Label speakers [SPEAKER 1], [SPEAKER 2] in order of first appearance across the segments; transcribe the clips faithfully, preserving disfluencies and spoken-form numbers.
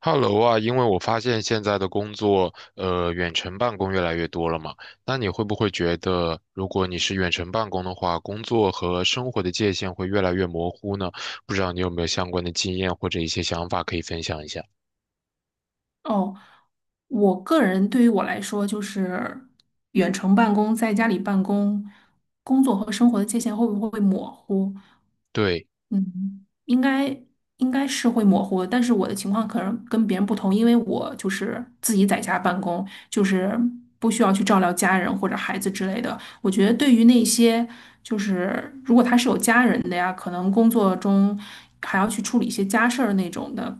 [SPEAKER 1] Hello 啊，因为我发现现在的工作，呃，远程办公越来越多了嘛，那你会不会觉得，如果你是远程办公的话，工作和生活的界限会越来越模糊呢？不知道你有没有相关的经验或者一些想法可以分享一下？
[SPEAKER 2] 哦，我个人对于我来说，就是远程办公，在家里办公，工作和生活的界限会不会模糊？
[SPEAKER 1] 对。
[SPEAKER 2] 嗯，应该应该是会模糊的，但是我的情况可能跟别人不同，因为我就是自己在家办公，就是不需要去照料家人或者孩子之类的。我觉得对于那些就是如果他是有家人的呀，可能工作中还要去处理一些家事儿那种的，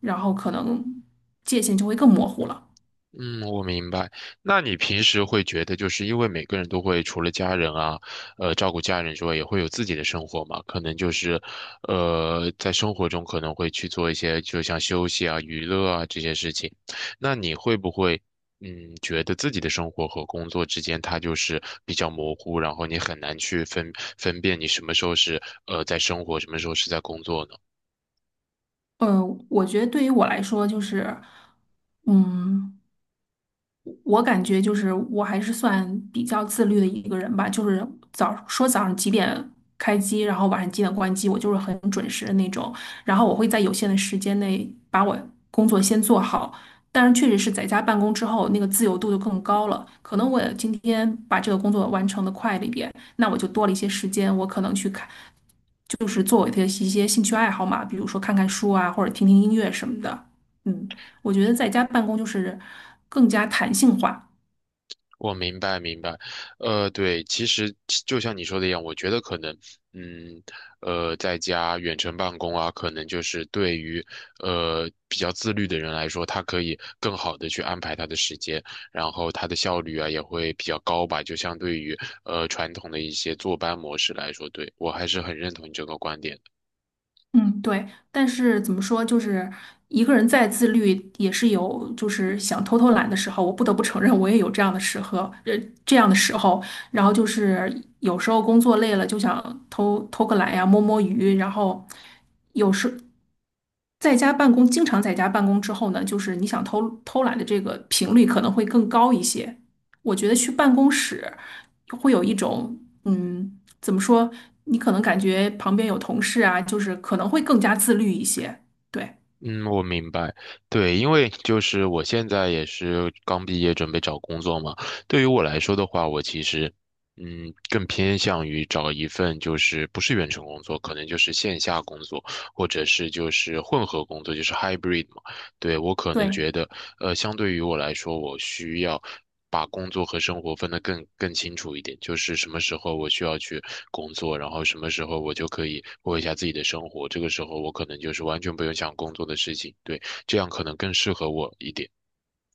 [SPEAKER 2] 然后可能界限就会更模糊了。
[SPEAKER 1] 嗯，我明白。那你平时会觉得，就是因为每个人都会除了家人啊，呃，照顾家人之外，也会有自己的生活嘛？可能就是，呃，在生活中可能会去做一些，就像休息啊、娱乐啊这些事情。那你会不会，嗯，觉得自己的生活和工作之间它就是比较模糊，然后你很难去分分辨你什么时候是呃在生活，什么时候是在工作呢？
[SPEAKER 2] 嗯，我觉得对于我来说，就是，嗯，我感觉就是我还是算比较自律的一个人吧，就是早说早上几点开机，然后晚上几点关机，我就是很准时的那种。然后我会在有限的时间内把我工作先做好。但是确实是在家办公之后，那个自由度就更高了。可能我今天把这个工作完成的快了一点，那我就多了一些时间，我可能去看，就是做我的一些兴趣爱好嘛，比如说看看书啊，或者听听音乐什么的。嗯。我觉得在家办公就是更加弹性化。
[SPEAKER 1] 我明白明白，呃，对，其实就像你说的一样，我觉得可能，嗯，呃，在家远程办公啊，可能就是对于呃比较自律的人来说，他可以更好的去安排他的时间，然后他的效率啊也会比较高吧，就相对于呃传统的一些坐班模式来说，对，我还是很认同你这个观点。
[SPEAKER 2] 嗯，对。但是怎么说，就是一个人再自律，也是有就是想偷偷懒的时候。我不得不承认，我也有这样的时候，呃，这样的时候。然后就是有时候工作累了，就想偷偷个懒呀，摸摸鱼。然后有时在家办公，经常在家办公之后呢，就是你想偷偷懒的这个频率可能会更高一些。我觉得去办公室会有一种，嗯，怎么说？你可能感觉旁边有同事啊，就是可能会更加自律一些。对
[SPEAKER 1] 嗯，我明白。对，因为就是我现在也是刚毕业，准备找工作嘛。对于我来说的话，我其实，嗯，更偏向于找一份就是不是远程工作，可能就是线下工作，或者是就是混合工作，就是 hybrid 嘛。对，我可能
[SPEAKER 2] 对，
[SPEAKER 1] 觉得，呃，相对于我来说，我需要把工作和生活分得更更清楚一点，就是什么时候我需要去工作，然后什么时候我就可以过一下自己的生活，这个时候我可能就是完全不用想工作的事情，对，这样可能更适合我一点。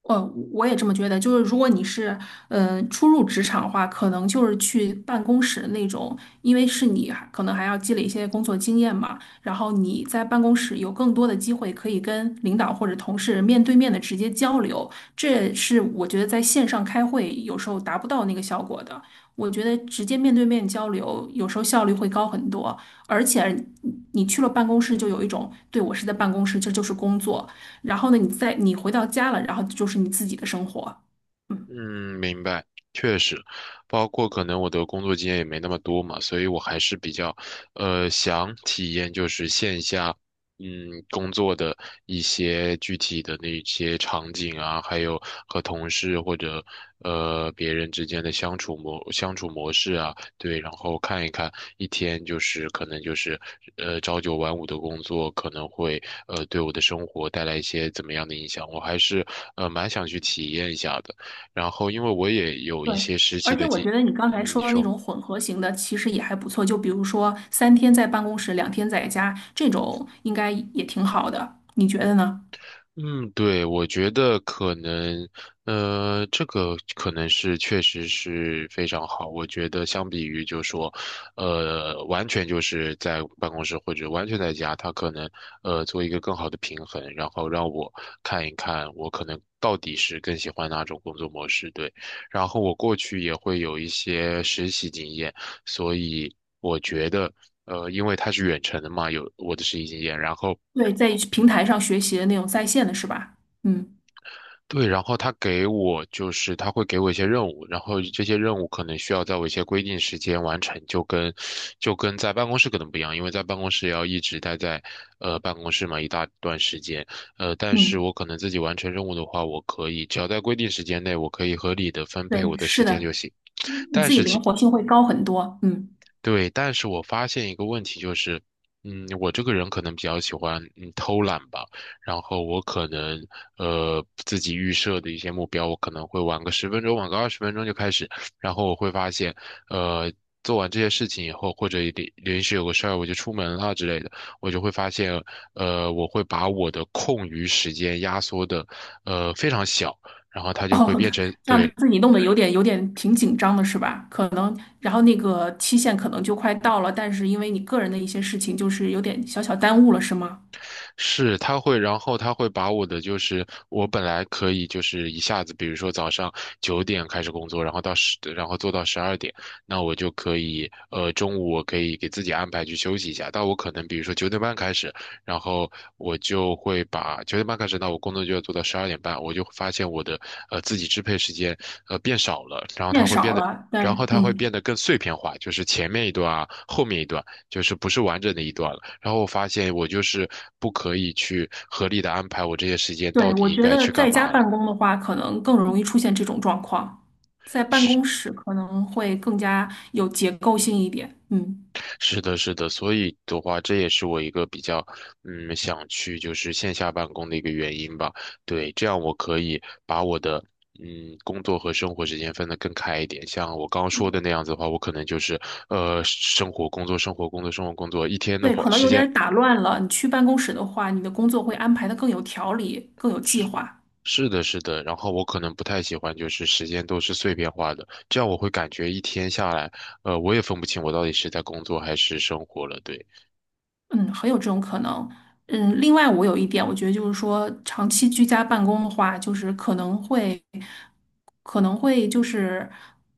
[SPEAKER 2] 呃，我也这么觉得，就是如果你是呃初入职场的话，可能就是去办公室那种，因为是你还可能还要积累一些工作经验嘛，然后你在办公室有更多的机会可以跟领导或者同事面对面的直接交流，这是我觉得在线上开会有时候达不到那个效果的。我觉得直接面对面交流有时候效率会高很多，而且你去了办公室就有一种，对，我是在办公室，这就是工作。然后呢，你再你回到家了，然后就是你自己的生活。嗯，
[SPEAKER 1] 嗯，明白，确实，包括可能我的工作经验也没那么多嘛，所以我还是比较，呃，想体验就是线下，嗯，工作的一些具体的那些场景啊，还有和同事或者呃别人之间的相处模相处模式啊，对，然后看一看一天就是可能就是呃朝九晚五的工作可能会呃对我的生活带来一些怎么样的影响，我还是呃蛮想去体验一下的。然后因为我也有一
[SPEAKER 2] 对，
[SPEAKER 1] 些实习
[SPEAKER 2] 而且
[SPEAKER 1] 的
[SPEAKER 2] 我
[SPEAKER 1] 经，
[SPEAKER 2] 觉得你刚才
[SPEAKER 1] 嗯，
[SPEAKER 2] 说
[SPEAKER 1] 你
[SPEAKER 2] 的那
[SPEAKER 1] 说。
[SPEAKER 2] 种混合型的，其实也还不错。就比如说三天在办公室，两天在家，这种应该也挺好的。你觉得呢？
[SPEAKER 1] 嗯，对，我觉得可能，呃，这个可能是确实是非常好。我觉得相比于就说，呃，完全就是在办公室或者完全在家，他可能呃做一个更好的平衡，然后让我看一看我可能到底是更喜欢哪种工作模式。对，然后我过去也会有一些实习经验，所以我觉得。呃，因为他是远程的嘛，有我的实习经验，然后
[SPEAKER 2] 对，在平台上学习的那种在线的是吧？嗯
[SPEAKER 1] 对，然后他给我就是他会给我一些任务，然后这些任务可能需要在我一些规定时间完成，就跟就跟在办公室可能不一样，因为在办公室要一直待在呃办公室嘛一大段时间，呃，但是
[SPEAKER 2] 嗯，
[SPEAKER 1] 我可能自己完成任务的话，我可以只要在规定时间内，我可以合理的分配我
[SPEAKER 2] 对，
[SPEAKER 1] 的时
[SPEAKER 2] 是
[SPEAKER 1] 间就
[SPEAKER 2] 的，
[SPEAKER 1] 行。
[SPEAKER 2] 你你
[SPEAKER 1] 但
[SPEAKER 2] 自己
[SPEAKER 1] 是
[SPEAKER 2] 灵
[SPEAKER 1] 其
[SPEAKER 2] 活性会高很多。嗯。
[SPEAKER 1] 对，但是我发现一个问题就是，嗯，我这个人可能比较喜欢嗯偷懒吧，然后我可能呃自己预设的一些目标，我可能会晚个十分钟，晚个二十分钟就开始，然后我会发现，呃，做完这些事情以后，或者临临时有个事儿我就出门了之类的，我就会发现，呃，我会把我的空余时间压缩的呃非常小。然后它 就会
[SPEAKER 2] 哦，
[SPEAKER 1] 变成，
[SPEAKER 2] 这样
[SPEAKER 1] 对，
[SPEAKER 2] 自己弄得有点有点挺紧张的是吧？可能，然后那个期限可能就快到了，但是因为你个人的一些事情，就是有点小小耽误了，是吗？
[SPEAKER 1] 是，他会，然后他会把我的就是我本来可以就是一下子，比如说早上九点开始工作，然后到十，然后做到十二点，那我就可以，呃，中午我可以给自己安排去休息一下。但我可能比如说九点半开始，然后我就会把九点半开始，那我工作就要做到十二点半，我就会发现我的呃自己支配时间呃变少了，然后
[SPEAKER 2] 变
[SPEAKER 1] 它会变
[SPEAKER 2] 少
[SPEAKER 1] 得。
[SPEAKER 2] 了，
[SPEAKER 1] 然后
[SPEAKER 2] 但
[SPEAKER 1] 它会变
[SPEAKER 2] 嗯，
[SPEAKER 1] 得更碎片化，就是前面一段啊，后面一段。就是不是完整的一段了。然后我发现我就是不可以去合理的安排我这些时间到
[SPEAKER 2] 对，
[SPEAKER 1] 底
[SPEAKER 2] 我
[SPEAKER 1] 应
[SPEAKER 2] 觉
[SPEAKER 1] 该
[SPEAKER 2] 得
[SPEAKER 1] 去干
[SPEAKER 2] 在家
[SPEAKER 1] 嘛
[SPEAKER 2] 办
[SPEAKER 1] 了。
[SPEAKER 2] 公的话，可能更容易出现这种状况，在办
[SPEAKER 1] 是
[SPEAKER 2] 公室可能会更加有结构性一点，嗯，
[SPEAKER 1] 是的，是的，所以的话，这也是我一个比较嗯想去就是线下办公的一个原因吧。对，这样我可以把我的嗯工作和生活时间分得更开一点。像我刚刚说的那样子的话，我可能就是呃生活工作生活工作生活工作，一天的
[SPEAKER 2] 对，
[SPEAKER 1] 话
[SPEAKER 2] 可能
[SPEAKER 1] 时
[SPEAKER 2] 有点
[SPEAKER 1] 间
[SPEAKER 2] 儿打乱了。你去办公室的话，你的工作会安排的更有条理，更有计划。
[SPEAKER 1] 是的，是的，然后我可能不太喜欢，就是时间都是碎片化的，这样我会感觉一天下来，呃，我也分不清我到底是在工作还是生活了。对，
[SPEAKER 2] 嗯，很有这种可能。嗯，另外我有一点，我觉得就是说，长期居家办公的话，就是可能会，可能会就是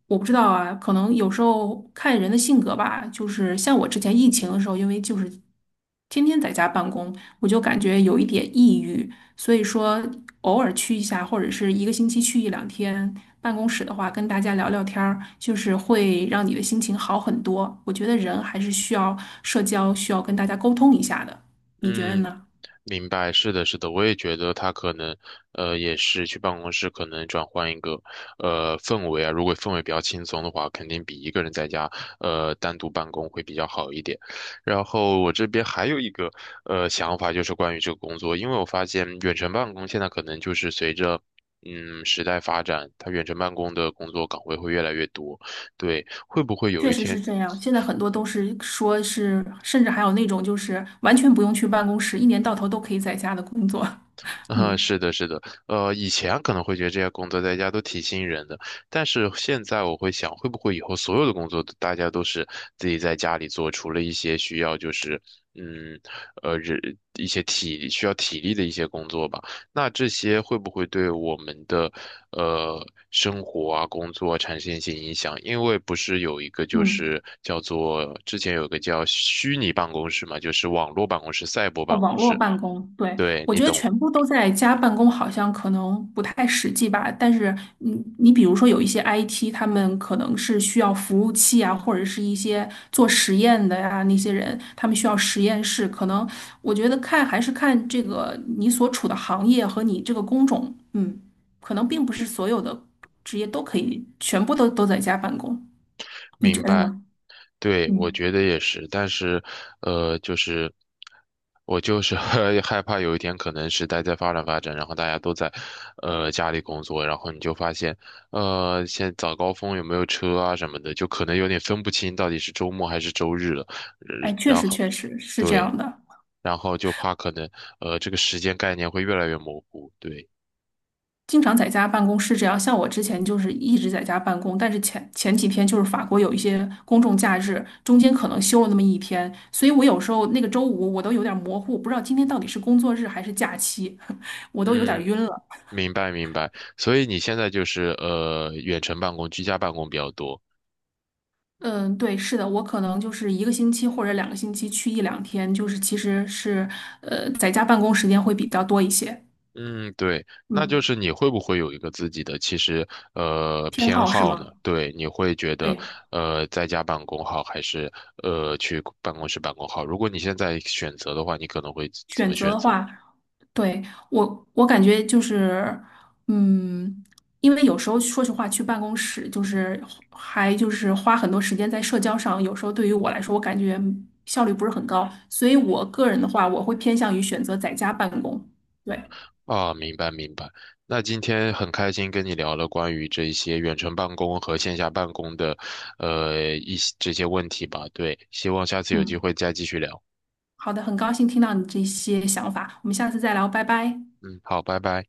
[SPEAKER 2] 我不知道啊，可能有时候看人的性格吧。就是像我之前疫情的时候，因为就是天天在家办公，我就感觉有一点抑郁。所以说，偶尔去一下，或者是一个星期去一两天办公室的话，跟大家聊聊天儿，就是会让你的心情好很多。我觉得人还是需要社交，需要跟大家沟通一下的。你觉得
[SPEAKER 1] 嗯，
[SPEAKER 2] 呢？
[SPEAKER 1] 明白，是的，是的，我也觉得他可能，呃，也是去办公室可能转换一个，呃，氛围啊。如果氛围比较轻松的话，肯定比一个人在家，呃，单独办公会比较好一点。然后我这边还有一个，呃，想法就是关于这个工作，因为我发现远程办公现在可能就是随着。嗯，时代发展，它远程办公的工作岗位会越来越多。对，会不会有
[SPEAKER 2] 确
[SPEAKER 1] 一
[SPEAKER 2] 实是
[SPEAKER 1] 天
[SPEAKER 2] 这样，现在很多都是说是，甚至还有那种就是完全不用去办公室，一年到头都可以在家的工作。
[SPEAKER 1] 啊，
[SPEAKER 2] 嗯
[SPEAKER 1] 是的，是的，呃，以前可能会觉得这些工作在家都挺吸引人的，但是现在我会想，会不会以后所有的工作都大家都是自己在家里做，除了一些需要就是，嗯，呃，人一些体需要体力的一些工作吧，那这些会不会对我们的呃生活啊、工作啊产生一些影响？因为不是有一个就
[SPEAKER 2] 嗯。
[SPEAKER 1] 是叫做之前有个叫虚拟办公室嘛，就是网络办公室、赛博
[SPEAKER 2] 哦，
[SPEAKER 1] 办
[SPEAKER 2] 网
[SPEAKER 1] 公
[SPEAKER 2] 络
[SPEAKER 1] 室，
[SPEAKER 2] 办公，对，
[SPEAKER 1] 对，
[SPEAKER 2] 我
[SPEAKER 1] 你
[SPEAKER 2] 觉得
[SPEAKER 1] 懂。
[SPEAKER 2] 全部都在家办公好像可能不太实际吧。但是嗯，你比如说有一些 I T,他们可能是需要服务器啊，或者是一些做实验的呀、那些人，他们需要实验室。可能我觉得看还是看这个你所处的行业和你这个工种，嗯，可能并不是所有的职业都可以全部都都在家办公。你觉
[SPEAKER 1] 明
[SPEAKER 2] 得
[SPEAKER 1] 白，
[SPEAKER 2] 呢？
[SPEAKER 1] 对，我
[SPEAKER 2] 嗯，
[SPEAKER 1] 觉得也是，但是，呃，就是我就是 害怕有一天可能时代在发展发展，然后大家都在，呃，家里工作，然后你就发现，呃，现在早高峰有没有车啊什么的，就可能有点分不清到底是周末还是周日了，呃
[SPEAKER 2] 哎，确
[SPEAKER 1] 然
[SPEAKER 2] 实
[SPEAKER 1] 后
[SPEAKER 2] 确实是这
[SPEAKER 1] 对，
[SPEAKER 2] 样的。
[SPEAKER 1] 然后就怕可能，呃，这个时间概念会越来越模糊，对，
[SPEAKER 2] 经常在家办公是这样，像我之前就是一直在家办公，但是前前几天就是法国有一些公众假日，中间可能休了那么一天，所以我有时候那个周五我都有点模糊，不知道今天到底是工作日还是假期，我都有点
[SPEAKER 1] 嗯，
[SPEAKER 2] 晕了。
[SPEAKER 1] 明白明白，所以你现在就是呃远程办公、居家办公比较多。
[SPEAKER 2] 嗯，对，是的，我可能就是一个星期或者两个星期去一两天，就是其实是呃在家办公时间会比较多一些。
[SPEAKER 1] 嗯，对，那就
[SPEAKER 2] 嗯，
[SPEAKER 1] 是你会不会有一个自己的其实呃
[SPEAKER 2] 偏
[SPEAKER 1] 偏
[SPEAKER 2] 好是
[SPEAKER 1] 好呢？
[SPEAKER 2] 吗？
[SPEAKER 1] 对，你会觉得
[SPEAKER 2] 对，
[SPEAKER 1] 呃在家办公好还是呃去办公室办公好？如果你现在选择的话，你可能会怎么
[SPEAKER 2] 选择
[SPEAKER 1] 选
[SPEAKER 2] 的
[SPEAKER 1] 择？
[SPEAKER 2] 话。对，我，我感觉就是，嗯，因为有时候说实话，去办公室就是还就是花很多时间在社交上，有时候对于我来说，我感觉效率不是很高，所以我个人的话，我会偏向于选择在家办公。对，
[SPEAKER 1] 啊，明白明白。那今天很开心跟你聊了关于这些远程办公和线下办公的呃一些这些问题吧。对，希望下次有机
[SPEAKER 2] 嗯，
[SPEAKER 1] 会再继续聊。
[SPEAKER 2] 好的，很高兴听到你这些想法，我们下次再聊，拜拜。
[SPEAKER 1] 嗯，好，拜拜。